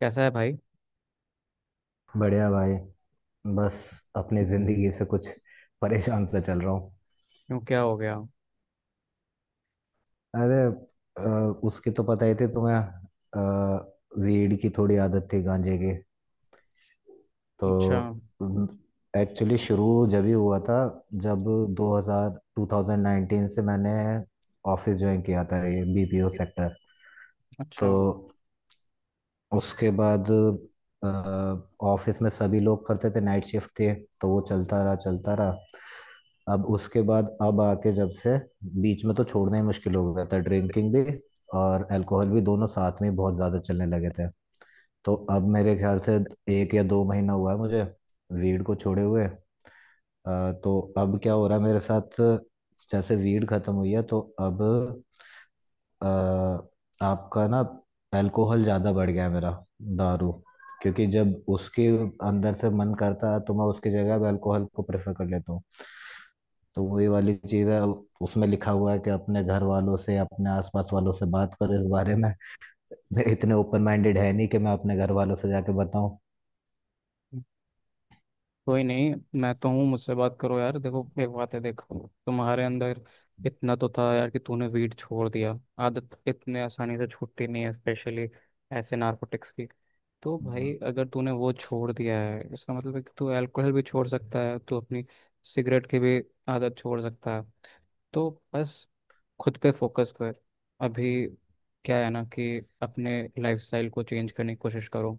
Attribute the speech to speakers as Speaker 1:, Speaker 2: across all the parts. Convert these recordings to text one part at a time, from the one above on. Speaker 1: कैसा है भाई।
Speaker 2: बढ़िया भाई। बस अपनी जिंदगी से कुछ परेशान सा चल रहा हूँ।
Speaker 1: क्यों क्या हो गया।
Speaker 2: अरे, अ, उसकी तो पता ही थी तुम्हें। Weed की थोड़ी आदत थी, गांजे की। तो
Speaker 1: अच्छा।
Speaker 2: एक्चुअली शुरू जब ही हुआ था, जब 2000 2019 से मैंने ऑफिस ज्वाइन किया था, ये बीपीओ सेक्टर। तो
Speaker 1: अच्छा,
Speaker 2: उसके बाद ऑफिस में सभी लोग करते थे, नाइट शिफ्ट थे। तो वो चलता रहा चलता रहा। अब उसके बाद अब आके जब से बीच में तो छोड़ना ही मुश्किल हो गया था, ड्रिंकिंग भी और अल्कोहल भी दोनों साथ में ही बहुत ज़्यादा चलने लगे थे। तो अब मेरे ख्याल से एक या दो महीना हुआ है मुझे वीड को छोड़े हुए। तो अब क्या हो रहा है मेरे साथ, जैसे वीड खत्म हुई है तो अब अ, आपका ना अल्कोहल ज़्यादा बढ़ गया है मेरा, दारू। क्योंकि जब उसके अंदर से मन करता है तो मैं उसकी जगह अब अल्कोहल को प्रेफर कर लेता हूँ। तो वही वाली चीज़ है, अब उसमें लिखा हुआ है कि अपने घर वालों से, अपने आसपास वालों से बात करो इस बारे में। मैं इतने ओपन माइंडेड है नहीं कि मैं अपने घर वालों से जाके बताऊं।
Speaker 1: कोई नहीं। मैं तो हूँ, मुझसे बात करो यार। देखो एक बात है, देखो तुम्हारे अंदर इतना तो था यार कि तूने वीट छोड़ दिया। आदत इतने आसानी से छूटती नहीं है, स्पेशली ऐसे नार्कोटिक्स की। तो भाई
Speaker 2: हम्म।
Speaker 1: अगर तूने वो छोड़ दिया है इसका मतलब है कि तू अल्कोहल भी छोड़ सकता है, तू अपनी सिगरेट की भी आदत छोड़ सकता है। तो बस खुद पे फोकस कर अभी। क्या है ना कि अपने लाइफस्टाइल को चेंज करने की कोशिश करो।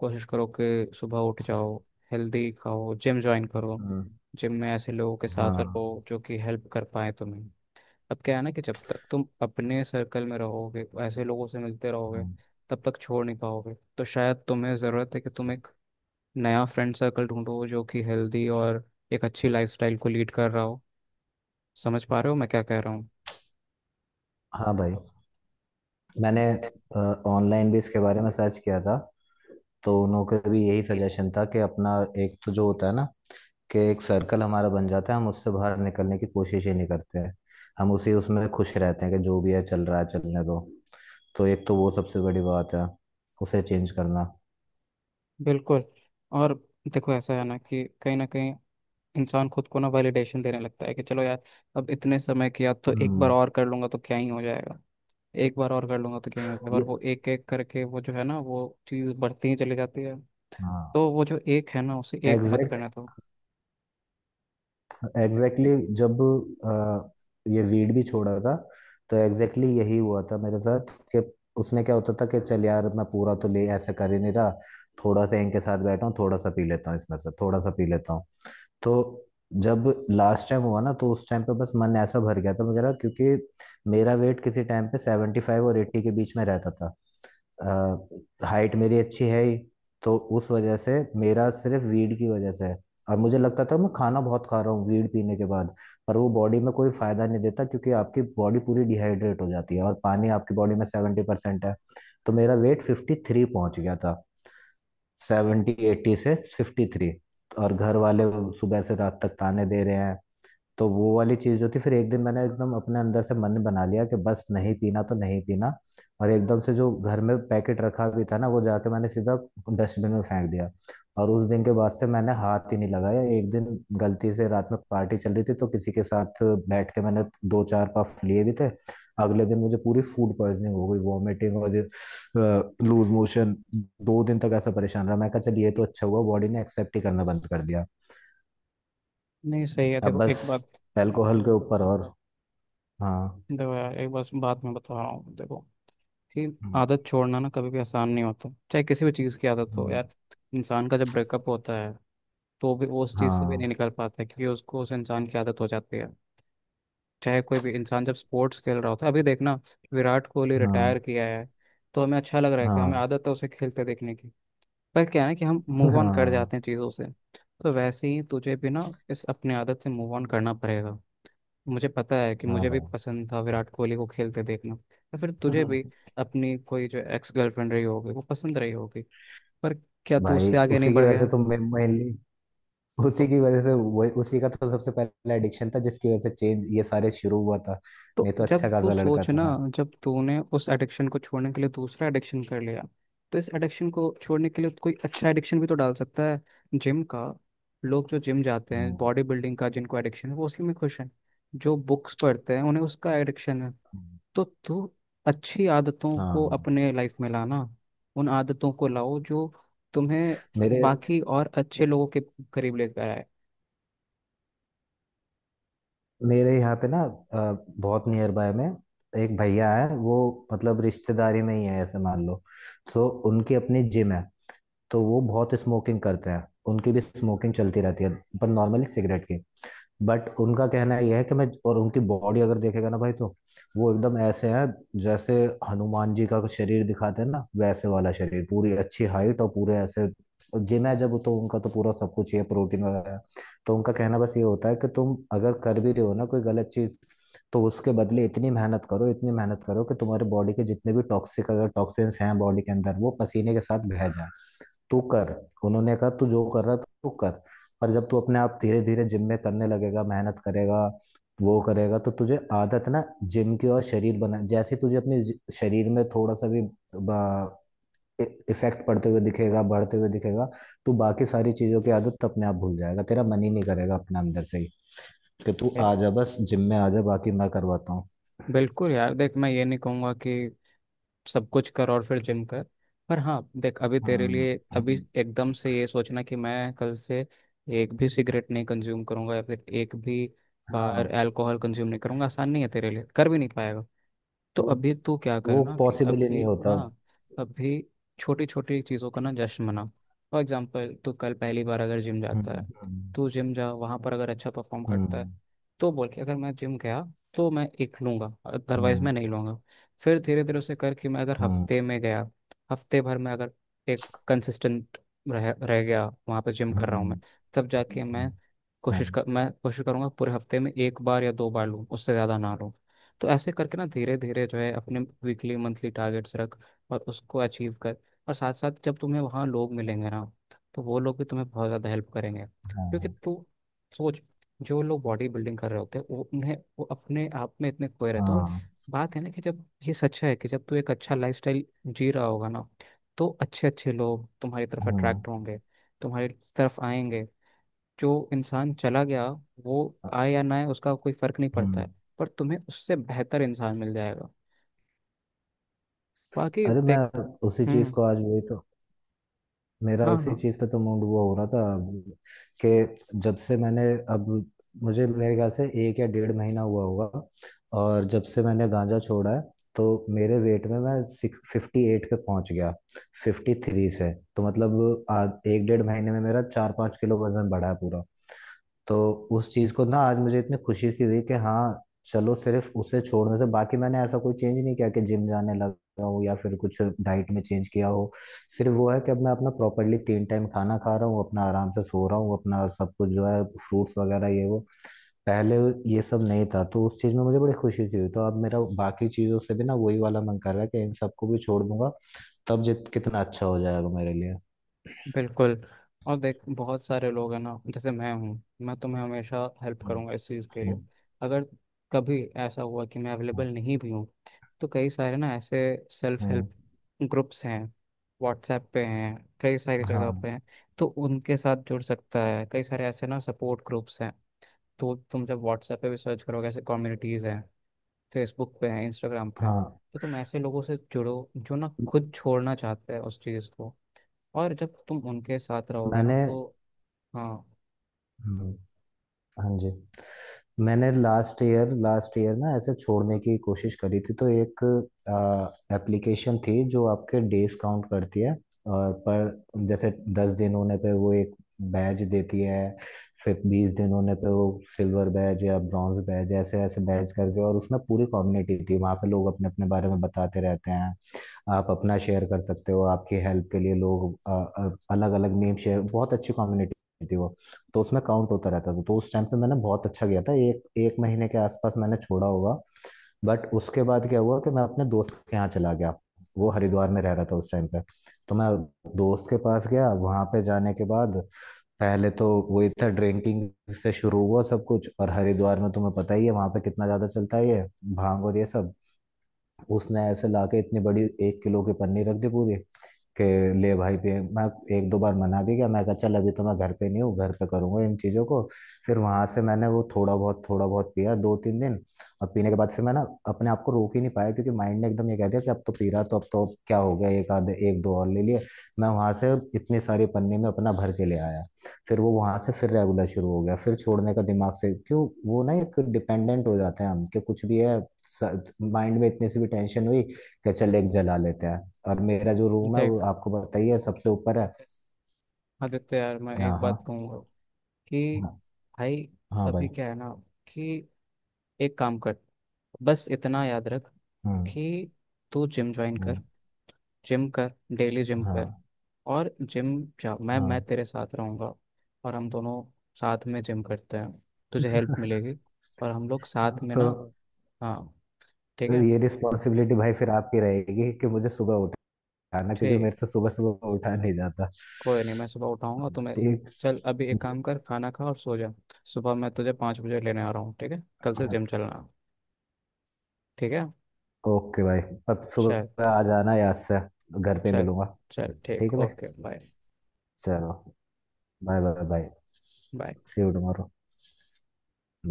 Speaker 1: कोशिश करो कि सुबह उठ जाओ, हेल्दी खाओ, जिम ज्वाइन करो।
Speaker 2: हम्म।
Speaker 1: जिम में ऐसे लोगों के साथ
Speaker 2: हाँ।
Speaker 1: रहो जो कि हेल्प कर पाए तुम्हें। अब क्या है ना कि जब तक तुम अपने सर्कल में रहोगे, ऐसे लोगों से मिलते रहोगे,
Speaker 2: हाँ।
Speaker 1: तब तक छोड़ नहीं पाओगे। तो शायद तुम्हें ज़रूरत है कि तुम एक नया फ्रेंड सर्कल ढूंढो जो कि हेल्दी और एक अच्छी लाइफस्टाइल को लीड कर रहा हो। समझ पा रहे हो मैं क्या कह रहा हूँ।
Speaker 2: हाँ भाई, मैंने ऑनलाइन भी इसके बारे में सर्च किया था। तो उन लोगों का भी यही सजेशन था, कि अपना एक तो जो होता है ना कि एक सर्कल हमारा बन जाता है, हम उससे बाहर निकलने की कोशिश ही नहीं करते हैं। हम उसी उसमें खुश रहते हैं कि जो भी है चल रहा है चलने दो। तो एक तो वो सबसे बड़ी बात है, उसे चेंज करना।
Speaker 1: बिल्कुल। और देखो ऐसा है ना कि कहीं ना कहीं इंसान खुद को ना वैलिडेशन देने लगता है कि चलो यार अब इतने समय किया तो एक बार
Speaker 2: हम्म।
Speaker 1: और कर लूंगा तो क्या ही हो जाएगा। एक बार और कर लूंगा तो क्या ही हो जाएगा, और
Speaker 2: ये।
Speaker 1: वो एक एक करके वो जो है ना वो चीज़ बढ़ती ही चली जाती है।
Speaker 2: हाँ।
Speaker 1: तो वो जो एक है ना, उसे एक मत
Speaker 2: एग्जैक्ट
Speaker 1: करने दो।
Speaker 2: एग्जैक्टली। जब अ, ये वीड भी छोड़ा था, तो एग्जैक्टली exactly यही हुआ था मेरे साथ, कि उसमें क्या होता था कि चल यार मैं पूरा तो ले ऐसा कर ही नहीं रहा, थोड़ा सा इनके साथ बैठा हूँ, थोड़ा सा पी लेता हूँ इसमें से, थोड़ा सा पी लेता हूँ। तो जब लास्ट टाइम हुआ ना, तो उस टाइम पे बस मन ऐसा भर गया था। मैं कह रहा क्योंकि मेरा वेट किसी टाइम पे 75 और 80 के बीच में रहता था। हाइट मेरी अच्छी है ही, तो उस वजह से मेरा सिर्फ वीड की वजह से है। और मुझे लगता था मैं खाना बहुत खा रहा हूँ वीड पीने के बाद, पर वो बॉडी में कोई फायदा नहीं देता, क्योंकि आपकी बॉडी पूरी डिहाइड्रेट हो जाती है और पानी आपकी बॉडी में 70% है। तो मेरा वेट 53 पहुंच गया था, 70 80 से 53। और घर वाले सुबह से रात तक ताने दे रहे हैं। तो वो वाली चीज जो थी, फिर एक दिन मैंने एकदम अपने अंदर से मन बना लिया कि बस नहीं पीना तो नहीं पीना। और एकदम से जो घर में पैकेट रखा भी था ना, वो जाके मैंने सीधा डस्टबिन में फेंक दिया। और उस दिन के बाद से मैंने हाथ ही नहीं लगाया। एक दिन गलती से रात में पार्टी चल रही थी तो किसी के साथ बैठ के मैंने दो चार पफ लिए भी थे। अगले दिन मुझे पूरी फूड पॉइजनिंग हो गई, वॉमिटिंग और लूज मोशन। दो दिन तक ऐसा परेशान रहा, मैं कहा चल ये तो अच्छा हुआ, बॉडी ने एक्सेप्ट ही करना बंद कर दिया।
Speaker 1: नहीं, सही है।
Speaker 2: अब
Speaker 1: देखो
Speaker 2: बस
Speaker 1: एक बात,
Speaker 2: एल्कोहल के ऊपर। और हाँ।
Speaker 1: देखो यार एक बस बात मैं बता रहा हूँ। देखो कि
Speaker 2: हम्म।
Speaker 1: आदत छोड़ना ना कभी भी आसान नहीं होता, चाहे किसी भी चीज़ की आदत हो
Speaker 2: हम्म।
Speaker 1: यार। इंसान का जब ब्रेकअप होता है तो भी वो उस चीज़ से भी नहीं
Speaker 2: हाँ।
Speaker 1: निकल पाता है क्योंकि उसको उस इंसान की आदत हो जाती है। चाहे कोई भी इंसान जब स्पोर्ट्स खेल रहा होता है, अभी देखना, विराट कोहली
Speaker 2: हाँ।
Speaker 1: रिटायर किया है। तो हमें अच्छा लग रहा है कि हमें
Speaker 2: हाँ।
Speaker 1: आदत है उसे खेलते देखने की। पर क्या है ना कि हम मूव ऑन कर
Speaker 2: हाँ।
Speaker 1: जाते हैं चीज़ों से। तो वैसे ही तुझे भी ना इस अपनी आदत से मूव ऑन करना पड़ेगा। मुझे पता है कि
Speaker 2: हाँ
Speaker 1: मुझे भी
Speaker 2: भाई।
Speaker 1: पसंद था विराट कोहली को खेलते देखना, या फिर तुझे भी अपनी कोई जो एक्स गर्लफ्रेंड रही होगी वो पसंद रही होगी। पर क्या तू
Speaker 2: भाई
Speaker 1: उससे आगे नहीं
Speaker 2: उसी की
Speaker 1: बढ़
Speaker 2: वजह
Speaker 1: गया।
Speaker 2: से तो मैं mainly उसी
Speaker 1: तो
Speaker 2: की वजह से, वही उसी का तो सबसे पहला एडिक्शन था जिसकी वजह से चेंज ये सारे शुरू हुआ था। नहीं तो अच्छा
Speaker 1: जब तू
Speaker 2: खासा लड़का
Speaker 1: सोच
Speaker 2: था
Speaker 1: ना,
Speaker 2: मैं।
Speaker 1: जब तूने उस एडिक्शन को छोड़ने के लिए दूसरा एडिक्शन कर लिया, तो इस एडिक्शन को छोड़ने के लिए कोई अच्छा एडिक्शन भी तो डाल सकता है। जिम का। लोग जो जिम जाते हैं,
Speaker 2: हम्म।
Speaker 1: बॉडी बिल्डिंग का जिनको एडिक्शन है, वो उसी में खुश हैं। जो बुक्स पढ़ते हैं उन्हें उसका एडिक्शन है।
Speaker 2: हम्म।
Speaker 1: तो तू अच्छी आदतों को
Speaker 2: हाँ।
Speaker 1: अपने लाइफ में लाना। उन आदतों को लाओ जो तुम्हें
Speaker 2: मेरे
Speaker 1: बाकी और अच्छे लोगों के करीब लेकर आए
Speaker 2: मेरे यहाँ पे ना बहुत नियर बाय में एक भैया है वो, मतलब रिश्तेदारी में ही है ऐसे मान लो। तो उनकी अपनी जिम है, तो वो बहुत स्मोकिंग करते हैं। उनकी भी स्मोकिंग चलती रहती है, पर नॉर्मली सिगरेट की। बट उनका कहना यह है कि मैं और उनकी बॉडी अगर देखेगा ना भाई, तो वो एकदम ऐसे हैं जैसे हनुमान जी का शरीर दिखाते हैं ना, वैसे वाला शरीर, पूरी अच्छी हाइट और पूरे ऐसे। जिम है जब तो उनका, तो पूरा सब कुछ ही है, प्रोटीन वगैरह। तो उनका कहना बस ये होता है कि तुम अगर कर भी रहे हो ना कोई गलत चीज, तो उसके बदले इतनी मेहनत करो, इतनी मेहनत करो कि तुम्हारे बॉडी के जितने भी टॉक्सिक, अगर टॉक्सिन्स हैं बॉडी के अंदर, वो पसीने के साथ बह जाए। तू कर, उन्होंने कहा, तू जो कर रहा है तू कर। पर जब तू अपने आप धीरे धीरे जिम में करने लगेगा, मेहनत करेगा, वो करेगा, तो तुझे आदत ना जिम की, और शरीर बना जैसे तुझे अपने शरीर में थोड़ा सा भी इफेक्ट पड़ते हुए दिखेगा, बढ़ते हुए दिखेगा, तो बाकी सारी चीजों की आदत तो अपने आप भूल जाएगा, तेरा मन ही नहीं करेगा अपने अंदर से ही, कि तू आ
Speaker 1: है।
Speaker 2: जा बस जिम में आ जा, बाकी मैं करवाता हूँ।
Speaker 1: बिल्कुल यार। देख मैं ये नहीं कहूँगा कि सब कुछ कर और फिर जिम कर। पर हाँ देख, अभी तेरे
Speaker 2: हाँ।
Speaker 1: लिए अभी
Speaker 2: हम्म।
Speaker 1: एकदम से ये सोचना कि मैं कल से एक भी सिगरेट नहीं कंज्यूम करूंगा या फिर एक भी
Speaker 2: हाँ।
Speaker 1: बार अल्कोहल कंज्यूम नहीं करूंगा, आसान नहीं है। तेरे लिए कर भी नहीं पाएगा। तो
Speaker 2: वो
Speaker 1: अभी तो क्या
Speaker 2: वो
Speaker 1: करना कि
Speaker 2: पॉसिबल ही
Speaker 1: अभी
Speaker 2: नहीं होता।
Speaker 1: हाँ, अभी छोटी छोटी चीज़ों का ना जश्न मना। फॉर एग्जाम्पल, तू कल पहली बार अगर जिम जाता है,
Speaker 2: हम्म। हम्म।
Speaker 1: तू जिम जा, वहाँ पर अगर अच्छा परफॉर्म करता है
Speaker 2: हम्म।
Speaker 1: तो बोल के, अगर मैं जिम गया तो मैं एक लूँगा, अदरवाइज
Speaker 2: हम्म।
Speaker 1: मैं नहीं लूँगा। फिर धीरे धीरे उसे करके, मैं अगर
Speaker 2: हम्म।
Speaker 1: हफ्ते में गया, हफ्ते भर में अगर एक कंसिस्टेंट रह रह गया वहाँ पर जिम कर रहा हूँ मैं,
Speaker 2: हम्म।
Speaker 1: तब जाके मैं
Speaker 2: हम्म।
Speaker 1: कोशिश
Speaker 2: हाँ।
Speaker 1: कर, मैं कोशिश करूँगा पूरे हफ्ते में एक बार या दो बार लूँ, उससे ज़्यादा ना लूँ। तो ऐसे करके ना धीरे धीरे जो है, अपने वीकली मंथली टारगेट्स रख और उसको अचीव कर। और साथ साथ जब तुम्हें वहाँ लोग मिलेंगे ना, तो वो लोग भी तुम्हें बहुत ज़्यादा हेल्प करेंगे। क्योंकि
Speaker 2: हाँ।
Speaker 1: तू सोच, जो लोग बॉडी बिल्डिंग कर रहे होते हैं वो उन्हें वो अपने आप में इतने खोए रहते हैं। और
Speaker 2: हाँ।
Speaker 1: बात है ना कि जब ये सच है कि जब तू एक अच्छा लाइफस्टाइल जी रहा होगा ना, तो अच्छे अच्छे लोग तुम्हारी तरफ
Speaker 2: हम्म।
Speaker 1: अट्रैक्ट होंगे, तुम्हारी तरफ आएंगे। जो इंसान चला गया, वो
Speaker 2: अ-
Speaker 1: आए या ना आए, उसका कोई फर्क नहीं पड़ता है।
Speaker 2: हम्म।
Speaker 1: पर तुम्हें उससे बेहतर इंसान मिल जाएगा। बाकी
Speaker 2: अरे मैं
Speaker 1: देख।
Speaker 2: उसी चीज
Speaker 1: हम्म।
Speaker 2: को आज वही तो, मेरा
Speaker 1: हाँ
Speaker 2: उसी
Speaker 1: हाँ।
Speaker 2: चीज पे तो मूड वो हो रहा था अब, कि जब से मैंने, अब मुझे मेरे ख्याल से एक या डेढ़ महीना हुआ होगा, और जब से मैंने गांजा छोड़ा है, तो मेरे वेट में मैं 58 पे पहुंच गया, 53 से। तो मतलब आज एक डेढ़ महीने में मेरा चार पाँच किलो वजन बढ़ा है पूरा। तो उस चीज को ना आज मुझे इतनी खुशी सी हुई कि हाँ, चलो सिर्फ उसे छोड़ने से, बाकी मैंने ऐसा कोई चेंज नहीं किया कि जिम जाने लगा हूँ या फिर कुछ डाइट में चेंज किया हो। सिर्फ वो है कि अब मैं अपना प्रॉपरली 3 टाइम खाना खा रहा हूँ, अपना आराम से सो रहा हूँ, अपना सब कुछ जो है फ्रूट्स वगैरह ये वो, पहले ये सब नहीं था। तो उस चीज में मुझे बड़ी खुशी सी हुई, तो अब मेरा बाकी चीजों से भी ना वही वाला मन कर रहा है कि इन सबको भी छोड़ दूंगा, तब जित कितना अच्छा हो जाएगा मेरे लिए।
Speaker 1: बिल्कुल। और देख बहुत सारे लोग हैं ना जैसे मैं हूँ, मैं तुम्हें हमेशा हेल्प
Speaker 2: हम्म।
Speaker 1: करूंगा इस चीज़ के लिए।
Speaker 2: हम्म।
Speaker 1: अगर कभी ऐसा हुआ कि मैं अवेलेबल
Speaker 2: हम्म।
Speaker 1: नहीं भी हूँ, तो कई सारे ना ऐसे सेल्फ
Speaker 2: हम्म।
Speaker 1: हेल्प ग्रुप्स हैं, व्हाट्सएप पे हैं, कई सारी जगह
Speaker 2: हाँ।
Speaker 1: पे हैं। तो उनके साथ जुड़ सकता है, कई सारे ऐसे ना सपोर्ट ग्रुप्स हैं। तो तुम जब व्हाट्सएप पे भी सर्च करोगे, ऐसे कम्युनिटीज़ हैं, फेसबुक पे हैं, इंस्टाग्राम पे हैं,
Speaker 2: हाँ।
Speaker 1: तो तुम ऐसे लोगों से जुड़ो जो ना खुद छोड़ना चाहते हैं उस चीज़ को। और जब तुम उनके साथ रहोगे ना
Speaker 2: मैंने।
Speaker 1: तो हाँ।
Speaker 2: हम्म। हाँ जी, मैंने लास्ट ईयर ना ऐसे छोड़ने की कोशिश करी थी, तो एक एप्लीकेशन थी जो आपके डेज काउंट करती है। और पर जैसे 10 दिन होने पे वो एक बैज देती है, फिर 20 दिन होने पे वो सिल्वर बैज या ब्रॉन्ज बैज, ऐसे ऐसे बैज करके। और उसमें पूरी कम्युनिटी थी, वहाँ पे लोग अपने अपने बारे में बताते रहते हैं। आप अपना शेयर कर सकते हो, आपकी हेल्प के लिए लोग अलग अलग नेम शेयर, बहुत अच्छी कम्युनिटी थी वो। तो उसमें काउंट होता रहता था, तो उस टाइम पे मैंने बहुत अच्छा किया था, एक एक महीने के आसपास मैंने छोड़ा होगा। बट उसके बाद क्या हुआ कि मैं अपने दोस्त के यहाँ चला गया, वो हरिद्वार में रह रहा था उस टाइम पे। तो मैं दोस्त के पास गया, वहां पे जाने के बाद पहले तो वही था, ड्रिंकिंग से शुरू हुआ सब कुछ, और हरिद्वार में तुम्हें पता ही है वहां पे कितना ज्यादा चलता है ये भांग और ये सब। उसने ऐसे लाके इतनी बड़ी एक किलो की पन्नी रख दी पूरी, कि ले भाई। पे मैं एक दो बार मना भी किया, मैं कहा चल अभी तो मैं घर पे नहीं हूँ, घर पे करूंगा इन चीज़ों को। फिर वहां से मैंने वो थोड़ा बहुत पिया दो तीन दिन, और पीने के बाद फिर मैं ना अपने आप को रोक ही नहीं पाया, क्योंकि माइंड ने एकदम ये कह दिया कि अब तो पी रहा, तो अब तो क्या हो गया, एक आधे एक दो और ले लिए। मैं वहां से इतनी सारी पन्नी में अपना भर के ले आया। फिर वो वहां से फिर रेगुलर शुरू हो गया, फिर छोड़ने का दिमाग से क्यों, वो ना एक डिपेंडेंट हो जाते हैं हम, कि कुछ भी है, माइंड में इतनी सी भी टेंशन हुई कि चल एक जला लेते हैं। और मेरा जो रूम है वो
Speaker 1: देख
Speaker 2: आपको बताइए सबसे ऊपर है।
Speaker 1: आदित्य यार, मैं
Speaker 2: हाँ।
Speaker 1: एक
Speaker 2: हाँ।
Speaker 1: बात कहूँगा कि
Speaker 2: हाँ।
Speaker 1: भाई,
Speaker 2: हाँ
Speaker 1: अभी
Speaker 2: भाई।
Speaker 1: क्या है ना कि एक काम कर, बस इतना याद रख
Speaker 2: हम्म।
Speaker 1: कि तू जिम ज्वाइन कर।
Speaker 2: हम्म।
Speaker 1: जिम कर, डेली जिम
Speaker 2: हाँ।
Speaker 1: कर। और जिम जा, मैं
Speaker 2: हाँ।
Speaker 1: तेरे साथ रहूँगा, और हम दोनों साथ में जिम करते हैं, तुझे हेल्प मिलेगी। और हम लोग साथ में
Speaker 2: तो
Speaker 1: ना, हाँ। ठीक है।
Speaker 2: ये रिस्पॉन्सिबिलिटी भाई फिर आपकी रहेगी कि मुझे सुबह उठाना, क्योंकि
Speaker 1: ठीक,
Speaker 2: मेरे से सुबह सुबह उठा नहीं जाता।
Speaker 1: कोई नहीं, मैं सुबह उठाऊँगा तुम्हें।
Speaker 2: ठीक।
Speaker 1: चल अभी एक काम कर, खाना खा और सो जा। सुबह मैं तुझे 5 बजे लेने आ रहा हूँ, ठीक है, कल से जिम चलना। ठीक है।
Speaker 2: ओके भाई, पर
Speaker 1: चल।
Speaker 2: सुबह आ जाना याद से। घर पे
Speaker 1: चल।
Speaker 2: मिलूंगा।
Speaker 1: चल
Speaker 2: ठीक
Speaker 1: ठीक,
Speaker 2: है भाई।
Speaker 1: ओके, बाय
Speaker 2: चलो। Bye bye bye.
Speaker 1: Bye.
Speaker 2: See you tomorrow.